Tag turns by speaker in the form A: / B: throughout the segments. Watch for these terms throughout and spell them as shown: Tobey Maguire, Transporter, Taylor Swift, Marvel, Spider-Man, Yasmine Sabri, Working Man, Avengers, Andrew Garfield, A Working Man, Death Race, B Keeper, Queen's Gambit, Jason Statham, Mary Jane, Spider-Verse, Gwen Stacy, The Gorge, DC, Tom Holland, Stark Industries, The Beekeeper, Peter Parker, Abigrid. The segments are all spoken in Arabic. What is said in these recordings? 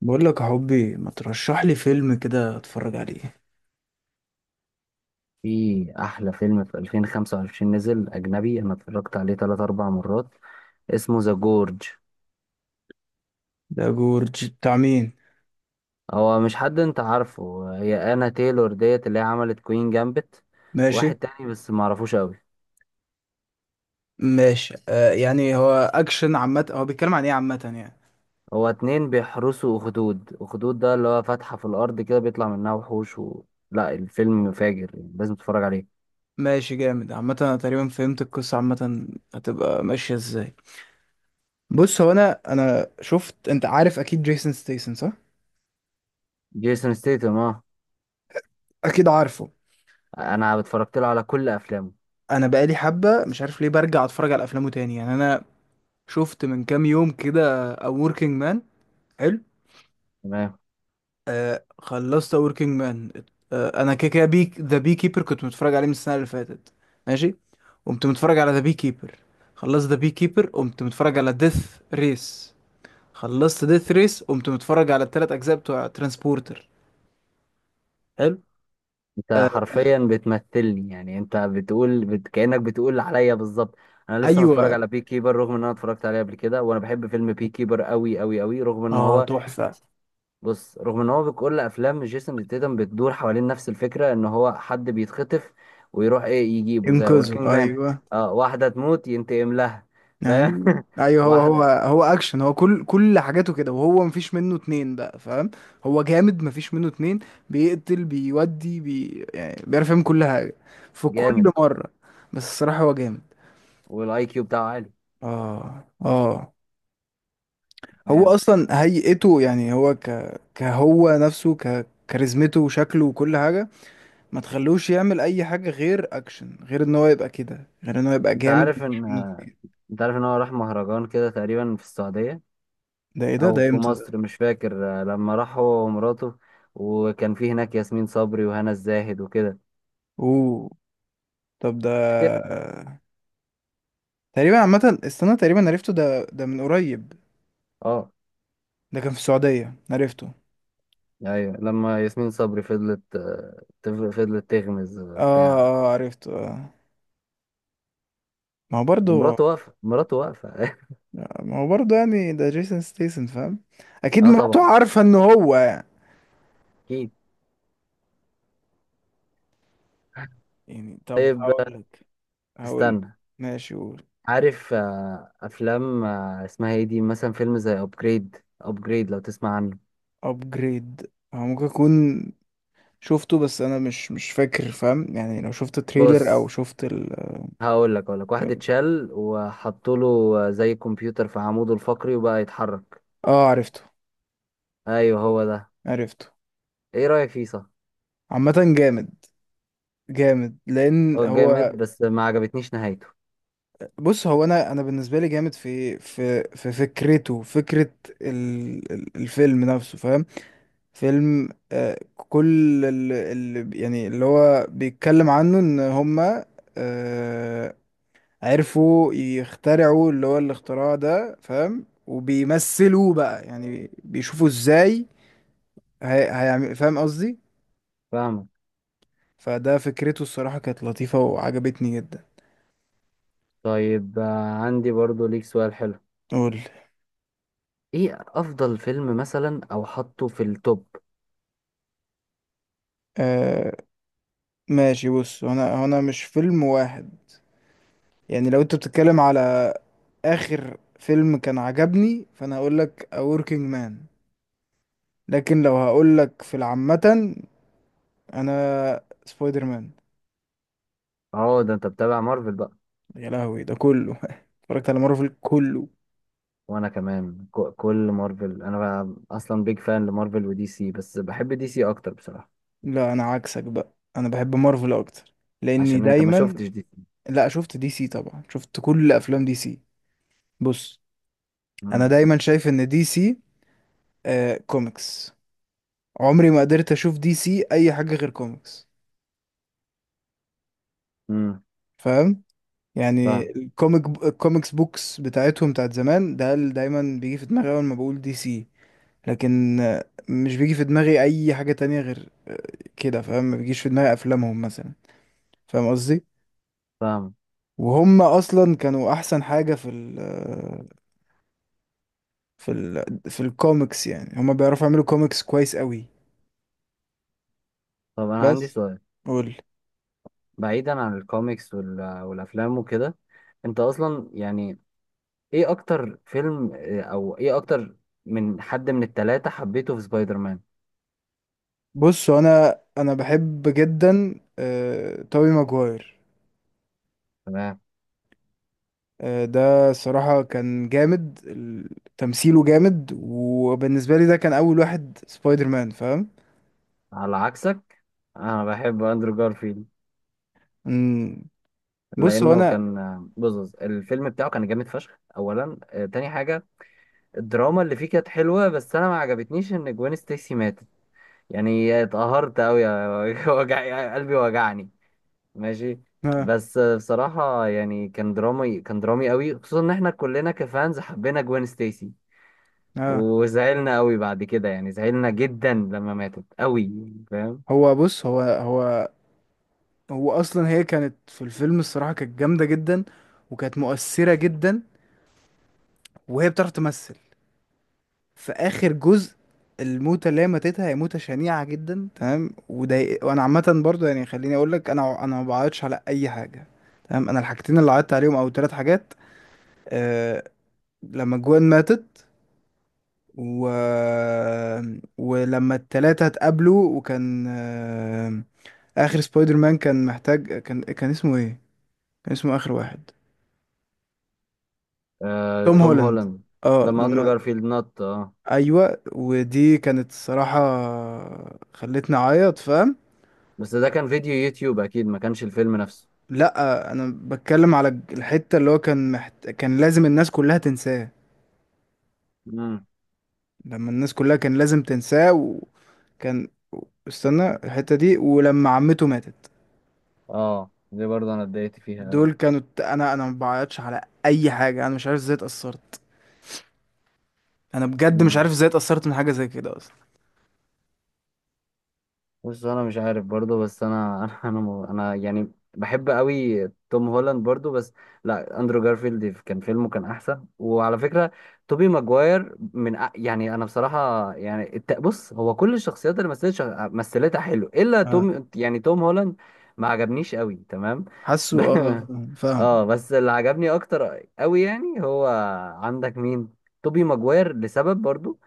A: بقول لك يا حبي، ما ترشح لي فيلم كده اتفرج عليه.
B: في احلى فيلم في 2025 نزل اجنبي، انا اتفرجت عليه 3 4 مرات. اسمه ذا جورج.
A: ده جورج بتاع مين؟
B: هو مش حد انت عارفه، هي انا تايلور ديت اللي هي عملت كوين جامبت.
A: ماشي
B: واحد تاني بس ما اعرفوش قوي.
A: ماشي. يعني هو اكشن عامه، هو بيتكلم عن ايه عامه يعني؟
B: هو اتنين بيحرسوا اخدود ده اللي هو فتحة في الارض كده بيطلع منها وحوش و... لا، الفيلم فاجر. لازم تتفرج عليه.
A: ماشي جامد عامه، انا تقريبا فهمت القصه عامه. هتبقى ماشيه ازاي؟ بص، هو انا شفت، انت عارف اكيد جيسون ستيسن صح؟
B: جيسون ستيتم اه،
A: اكيد عارفه.
B: انا اتفرجت له على كل افلامه.
A: انا بقالي حبه مش عارف ليه برجع اتفرج على افلامه تاني، يعني انا شفت من كام يوم كده A Working Man. حلو.
B: تمام.
A: آه، خلصت وركينج مان. آه، انا كده كده بيك ذا بي كيبر، كنت متفرج عليه من السنه اللي فاتت. ماشي. قمت متفرج على ذا بي كيبر. خلصت ذا بي كيبر، قمت متفرج على ديث ريس. خلصت ديث ريس، قمت متفرج على الثلاث اجزاء بتوع ترانسبورتر. حلو.
B: انت
A: آه
B: حرفيا بتمثلني، يعني انت كأنك بتقول عليا بالظبط. انا لسه متفرج
A: ايوه.
B: على بي كيبر رغم ان انا اتفرجت عليه قبل كده، وانا بحب فيلم بي كيبر قوي قوي قوي رغم ان
A: اه
B: هو...
A: تحفه.
B: بص، رغم ان هو كل افلام جيسون ستيتم بتدور حوالين نفس الفكره، ان هو حد بيتخطف ويروح ايه يجيبه زي
A: انقذه،
B: وركينج مان.
A: ايوه
B: اه، واحده تموت ينتقم لها. فاهم.
A: ايوه ايوه، هو هو
B: واحده.
A: هو اكشن، هو كل حاجاته كده، وهو مفيش منه اتنين بقى، فاهم؟ هو جامد مفيش منه اتنين. بيقتل بيودي بي، يعني بيعرف يعمل كل حاجه في كل
B: جامد.
A: مره. بس الصراحه هو جامد.
B: والاي كيو بتاعه عالي.
A: اه اه. هو
B: فاهم.
A: اصلا هيئته، يعني هو كهو نفسه، كاريزمته وشكله وكل حاجه. ما تخلوش يعمل اي حاجه غير اكشن، غير ان هو يبقى كده، غير ان هو يبقى
B: انت
A: جامد
B: عارف
A: مفيش
B: ان
A: منه اتنين.
B: انت عارف ان هو راح مهرجان كده تقريبا في السعوديه
A: ده ايه ده؟
B: او
A: ده
B: في
A: امتى ده؟
B: مصر، مش فاكر. لما راح هو ومراته، وكان في هناك ياسمين صبري وهنا الزاهد وكده.
A: اوه. طب، ده
B: فاكر.
A: تقريبا عامة، استنى، تقريبا عرفته ده، ده من قريب.
B: اه،
A: ده كان في السعودية عرفته.
B: ايوه لما ياسمين صبري فضلت، فضلت تغمز
A: اه
B: بتاع.
A: اه. آه، عرفته اه. ما هو برضه.
B: ومراته واقفه، مراته واقفه.
A: ما هو برضه، يعني ده جيسون ستيسن فاهم. اكيد
B: اه
A: مراته
B: طبعا.
A: عارفة ان هو.
B: اكيد.
A: يعني طب
B: طيب،
A: هقولك. هقول.
B: استنى.
A: ماشي قول.
B: عارف افلام اسمها ايه دي مثلا؟ فيلم زي ابجريد. ابجريد لو تسمع عنه.
A: ابجريد، هو ممكن اكون شفته، بس انا مش فاكر، فاهم؟ يعني لو شفت تريلر او
B: بص،
A: شفت
B: هقول لك، اقول لك، واحد
A: ال-
B: اتشال وحطوا له زي كمبيوتر في عموده الفقري وبقى يتحرك.
A: اه، عرفته.
B: ايوه، هو ده.
A: عرفته
B: ايه رأيك فيه؟ صح.
A: عامة. جامد. جامد لان
B: هو
A: هو.
B: جامد بس ما عجبتنيش نهايته.
A: بص، هو انا بالنسبه لي جامد في فكرته، فكره الفيلم نفسه، فاهم؟ فيلم كل اللي يعني اللي هو بيتكلم عنه ان هما آه عرفوا يخترعوا اللي هو الاختراع ده، فاهم؟ وبيمثلوه بقى، يعني بيشوفوا ازاي هيعمل، فاهم قصدي؟
B: فاهمك.
A: فده فكرته الصراحه كانت لطيفه وعجبتني جدا.
B: طيب عندي برضو ليك سؤال حلو.
A: قول.
B: ايه افضل فيلم مثلا، او حطه في التوب؟
A: آه، ماشي. بص، هنا مش فيلم واحد. يعني لو انت بتتكلم على اخر فيلم كان عجبني، فانا هقول لك A Working Man. لكن لو هقول لك في العامة، انا سبايدر مان.
B: اه، ده انت بتابع مارفل بقى.
A: يا لهوي ده كله اتفرجت على مارفل كله.
B: وانا كمان، كل مارفل، انا اصلا بيج فان لمارفل ودي سي، بس بحب دي سي اكتر بصراحة.
A: لا، انا عكسك بقى، انا بحب مارفل اكتر لاني
B: عشان انت ما
A: دايما.
B: شفتش دي سي.
A: لا، شفت دي سي طبعا، شفت كل افلام دي سي. بص، انا
B: امم.
A: دايما شايف ان دي سي كوميكس. عمري ما قدرت اشوف دي سي اي حاجة غير كوميكس،
B: امم.
A: فاهم؟ يعني
B: فاهم.
A: الكوميكس بوكس بتاعتهم بتاعت زمان، ده اللي دايما بيجي في دماغي اول ما بقول دي سي. لكن مش بيجي في دماغي اي حاجة تانية غير كده، فاهم؟ ما بيجيش في دماغي افلامهم مثلا، فاهم قصدي؟
B: فاهم.
A: وهم اصلا كانوا احسن حاجة في ال آه، في ال في الكوميكس، يعني هم بيعرفوا يعملوا كوميكس كويس قوي.
B: طب انا عندي
A: بس
B: سؤال.
A: قول.
B: بعيدا عن الكوميكس والافلام وكده، انت اصلا يعني ايه اكتر فيلم او ايه اكتر، من حد من التلاتة حبيته في سبايدر مان؟
A: بص، انا بحب جدا توبي ماجواير.
B: تمام.
A: ده الصراحة كان جامد تمثيله جامد، وبالنسبة لي ده كان أول واحد سبايدر مان، فاهم؟
B: على عكسك، انا بحب اندرو جارفيلد.
A: مم. بص هو
B: لانه
A: أنا.
B: كان بص، الفيلم بتاعه كان جامد فشخ اولا. تاني حاجة، الدراما اللي فيه كانت حلوة، بس انا ما عجبتنيش ان جوين ستيسي ماتت. يعني اتقهرت قوي. وجع قلبي، وجعني. ماشي.
A: آه.
B: بس بصراحة يعني كان درامي، كان درامي قوي، خصوصا ان احنا كلنا كفانز حبينا جوين ستيسي.
A: آه.
B: وزعلنا قوي بعد كده، يعني زعلنا جدا لما ماتت قوي. فاهم.
A: هو، بص، هو أصلا، هي كانت في الفيلم الصراحة كانت جامدة جدا، وكانت مؤثرة جدا، وهي بتعرف تمثل في آخر جزء. الموتة اللي هي ماتتها هي موتة شنيعة جدا، تمام، وده. وأنا عامة برضو يعني خليني أقول لك، أنا ما بعيطش على أي حاجة. تمام، أنا الحاجتين اللي عيطت عليهم أو ثلاث حاجات، آه، لما جوان ماتت، و... ولما التلاتة اتقابلوا، وكان آخر سبايدر مان كان محتاج، كان اسمه ايه؟ كان اسمه آخر واحد.
B: آه
A: توم
B: توم
A: هولاند
B: هولاند. لما اندرو
A: لما
B: جارفيلد نط اه.
A: ايوه، ودي كانت الصراحة خلتني اعيط، فاهم؟
B: بس ده كان فيديو يوتيوب، اكيد ما كانش الفيلم نفسه.
A: لا، انا بتكلم على الحتة اللي هو كان لازم الناس كلها تنساه.
B: امم.
A: لما الناس كلها كان لازم تنساه، وكان. استنى الحتة دي، ولما عمته ماتت.
B: اه، دي برضه انا اتضايقت فيها
A: دول كانوا انا ما بعيطش على اي حاجه. انا مش عارف ازاي اتاثرت. انا بجد مش
B: قوي.
A: عارف ازاي اتاثرت من حاجه زي كده اصلا.
B: بص انا مش عارف برضو، بس انا أنا يعني بحب قوي توم هولاند برضو، بس لا، اندرو جارفيلد كان فيلمه كان احسن. وعلى فكره توبي ماجواير يعني انا بصراحه يعني بص، هو كل الشخصيات اللي مثلت مثلتها حلو، الا
A: اه
B: توم، يعني توم هولاند ما عجبنيش قوي. تمام.
A: حاسه
B: ب-
A: فاهم فاهم.
B: اه، بس اللي عجبني اكتر قوي يعني هو، عندك مين؟ توبي ماجواير لسبب برضو.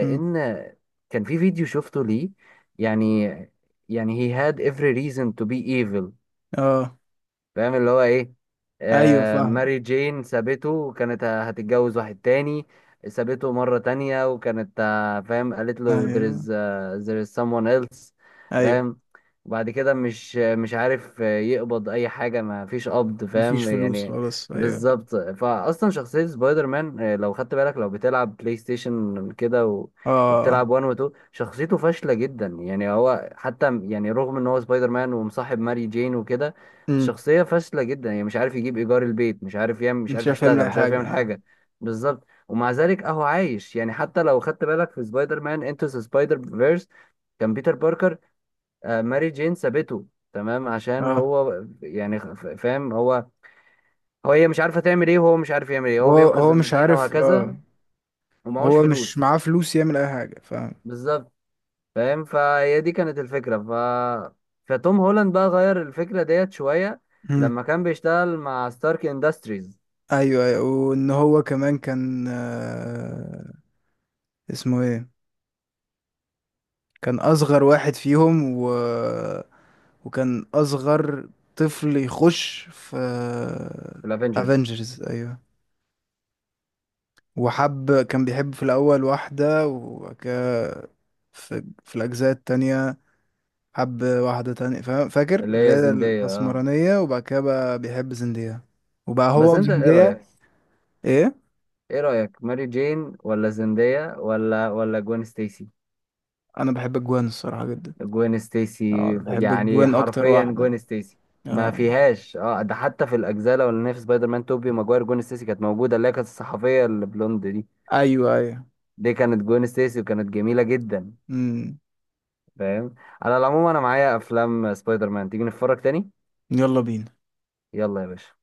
A: مم.
B: كان في فيديو شفته ليه، يعني، يعني he had every reason to be evil.
A: اه،
B: فاهم اللي هو ايه؟
A: ايوه،
B: آه،
A: فاهم،
B: ماري جين سابته، وكانت هتتجوز واحد تاني. سابته مرة تانية، وكانت فاهم، قالت له there
A: ايوه
B: is there is someone else.
A: ايوه،
B: فاهم. وبعد كده مش عارف يقبض اي حاجة، ما فيش قبض،
A: مفيش
B: فاهم
A: فلوس
B: يعني.
A: خلاص، ايوه.
B: بالظبط. فاصلا شخصية سبايدر مان، لو خدت بالك، لو بتلعب بلاي ستيشن كده و...
A: اه.
B: وبتلعب 1 و 2، شخصيته فاشلة جدا. يعني هو حتى يعني رغم ان هو سبايدر مان ومصاحب ماري جين وكده،
A: امم
B: شخصية فاشلة جدا. يعني مش عارف يجيب إيجار البيت، مش عارف يعمل، مش
A: انت مش
B: عارف
A: عارف يعمل
B: يشتغل،
A: اي
B: مش عارف
A: حاجه،
B: يعمل
A: اه
B: حاجة. بالظبط. ومع ذلك أهو عايش. يعني حتى لو خدت بالك في سبايدر مان انتو سبايدر فيرس، كان بيتر باركر، ماري جين سابته. تمام. عشان
A: اه.
B: هو يعني فاهم. هو هي مش عارفة تعمل إيه، وهو مش عارف يعمل إيه،
A: هو
B: هو بينقذ
A: هو مش
B: المدينة
A: عارف
B: وهكذا.
A: اه.
B: ومعهوش
A: هو مش
B: فلوس.
A: معاه فلوس يعمل اي حاجه، فاهم.
B: بالظبط. فاهم. فهي دي كانت الفكرة. فتوم هولاند بقى غير الفكرة ديت شوية
A: مم.
B: لما كان بيشتغل مع ستارك اندستريز.
A: ايوه ايوه، وان هو كمان كان اسمه ايه، كان اصغر واحد فيهم، وكان اصغر طفل يخش في
B: الافنجرز.
A: افنجرز، ايوه. وحب كان بيحب في الاول واحدة، في الاجزاء التانية حب واحدة تانية، فاكر
B: اللي
A: اللي
B: هي
A: هي
B: زندية اه.
A: الاسمرانية، وبعد كده بقى بيحب زندية، وبقى
B: بس
A: هو
B: انت ايه رأيك؟
A: وزندية. ايه،
B: ايه رأيك، ماري جين ولا زندية ولا جوين ستيسي؟
A: انا بحب الجوان الصراحة جدا.
B: جوين ستيسي.
A: اه، انا بحب
B: يعني
A: الجوان اكتر
B: حرفيا
A: واحدة.
B: جوين ستيسي. ما
A: اه
B: فيهاش اه، ده حتى في الاجزاء الاولانيه في سبايدر مان توبي ماجواير جوين ستيسي كانت موجوده، اللي هي كانت الصحفيه البلوند دي.
A: ايوه ايوه.
B: دي كانت جوين ستيسي، وكانت جميله جدا.
A: امم.
B: فاهم. على العموم انا معايا افلام سبايدر مان، تيجي نتفرج تاني.
A: يلا بينا.
B: يلا يا باشا.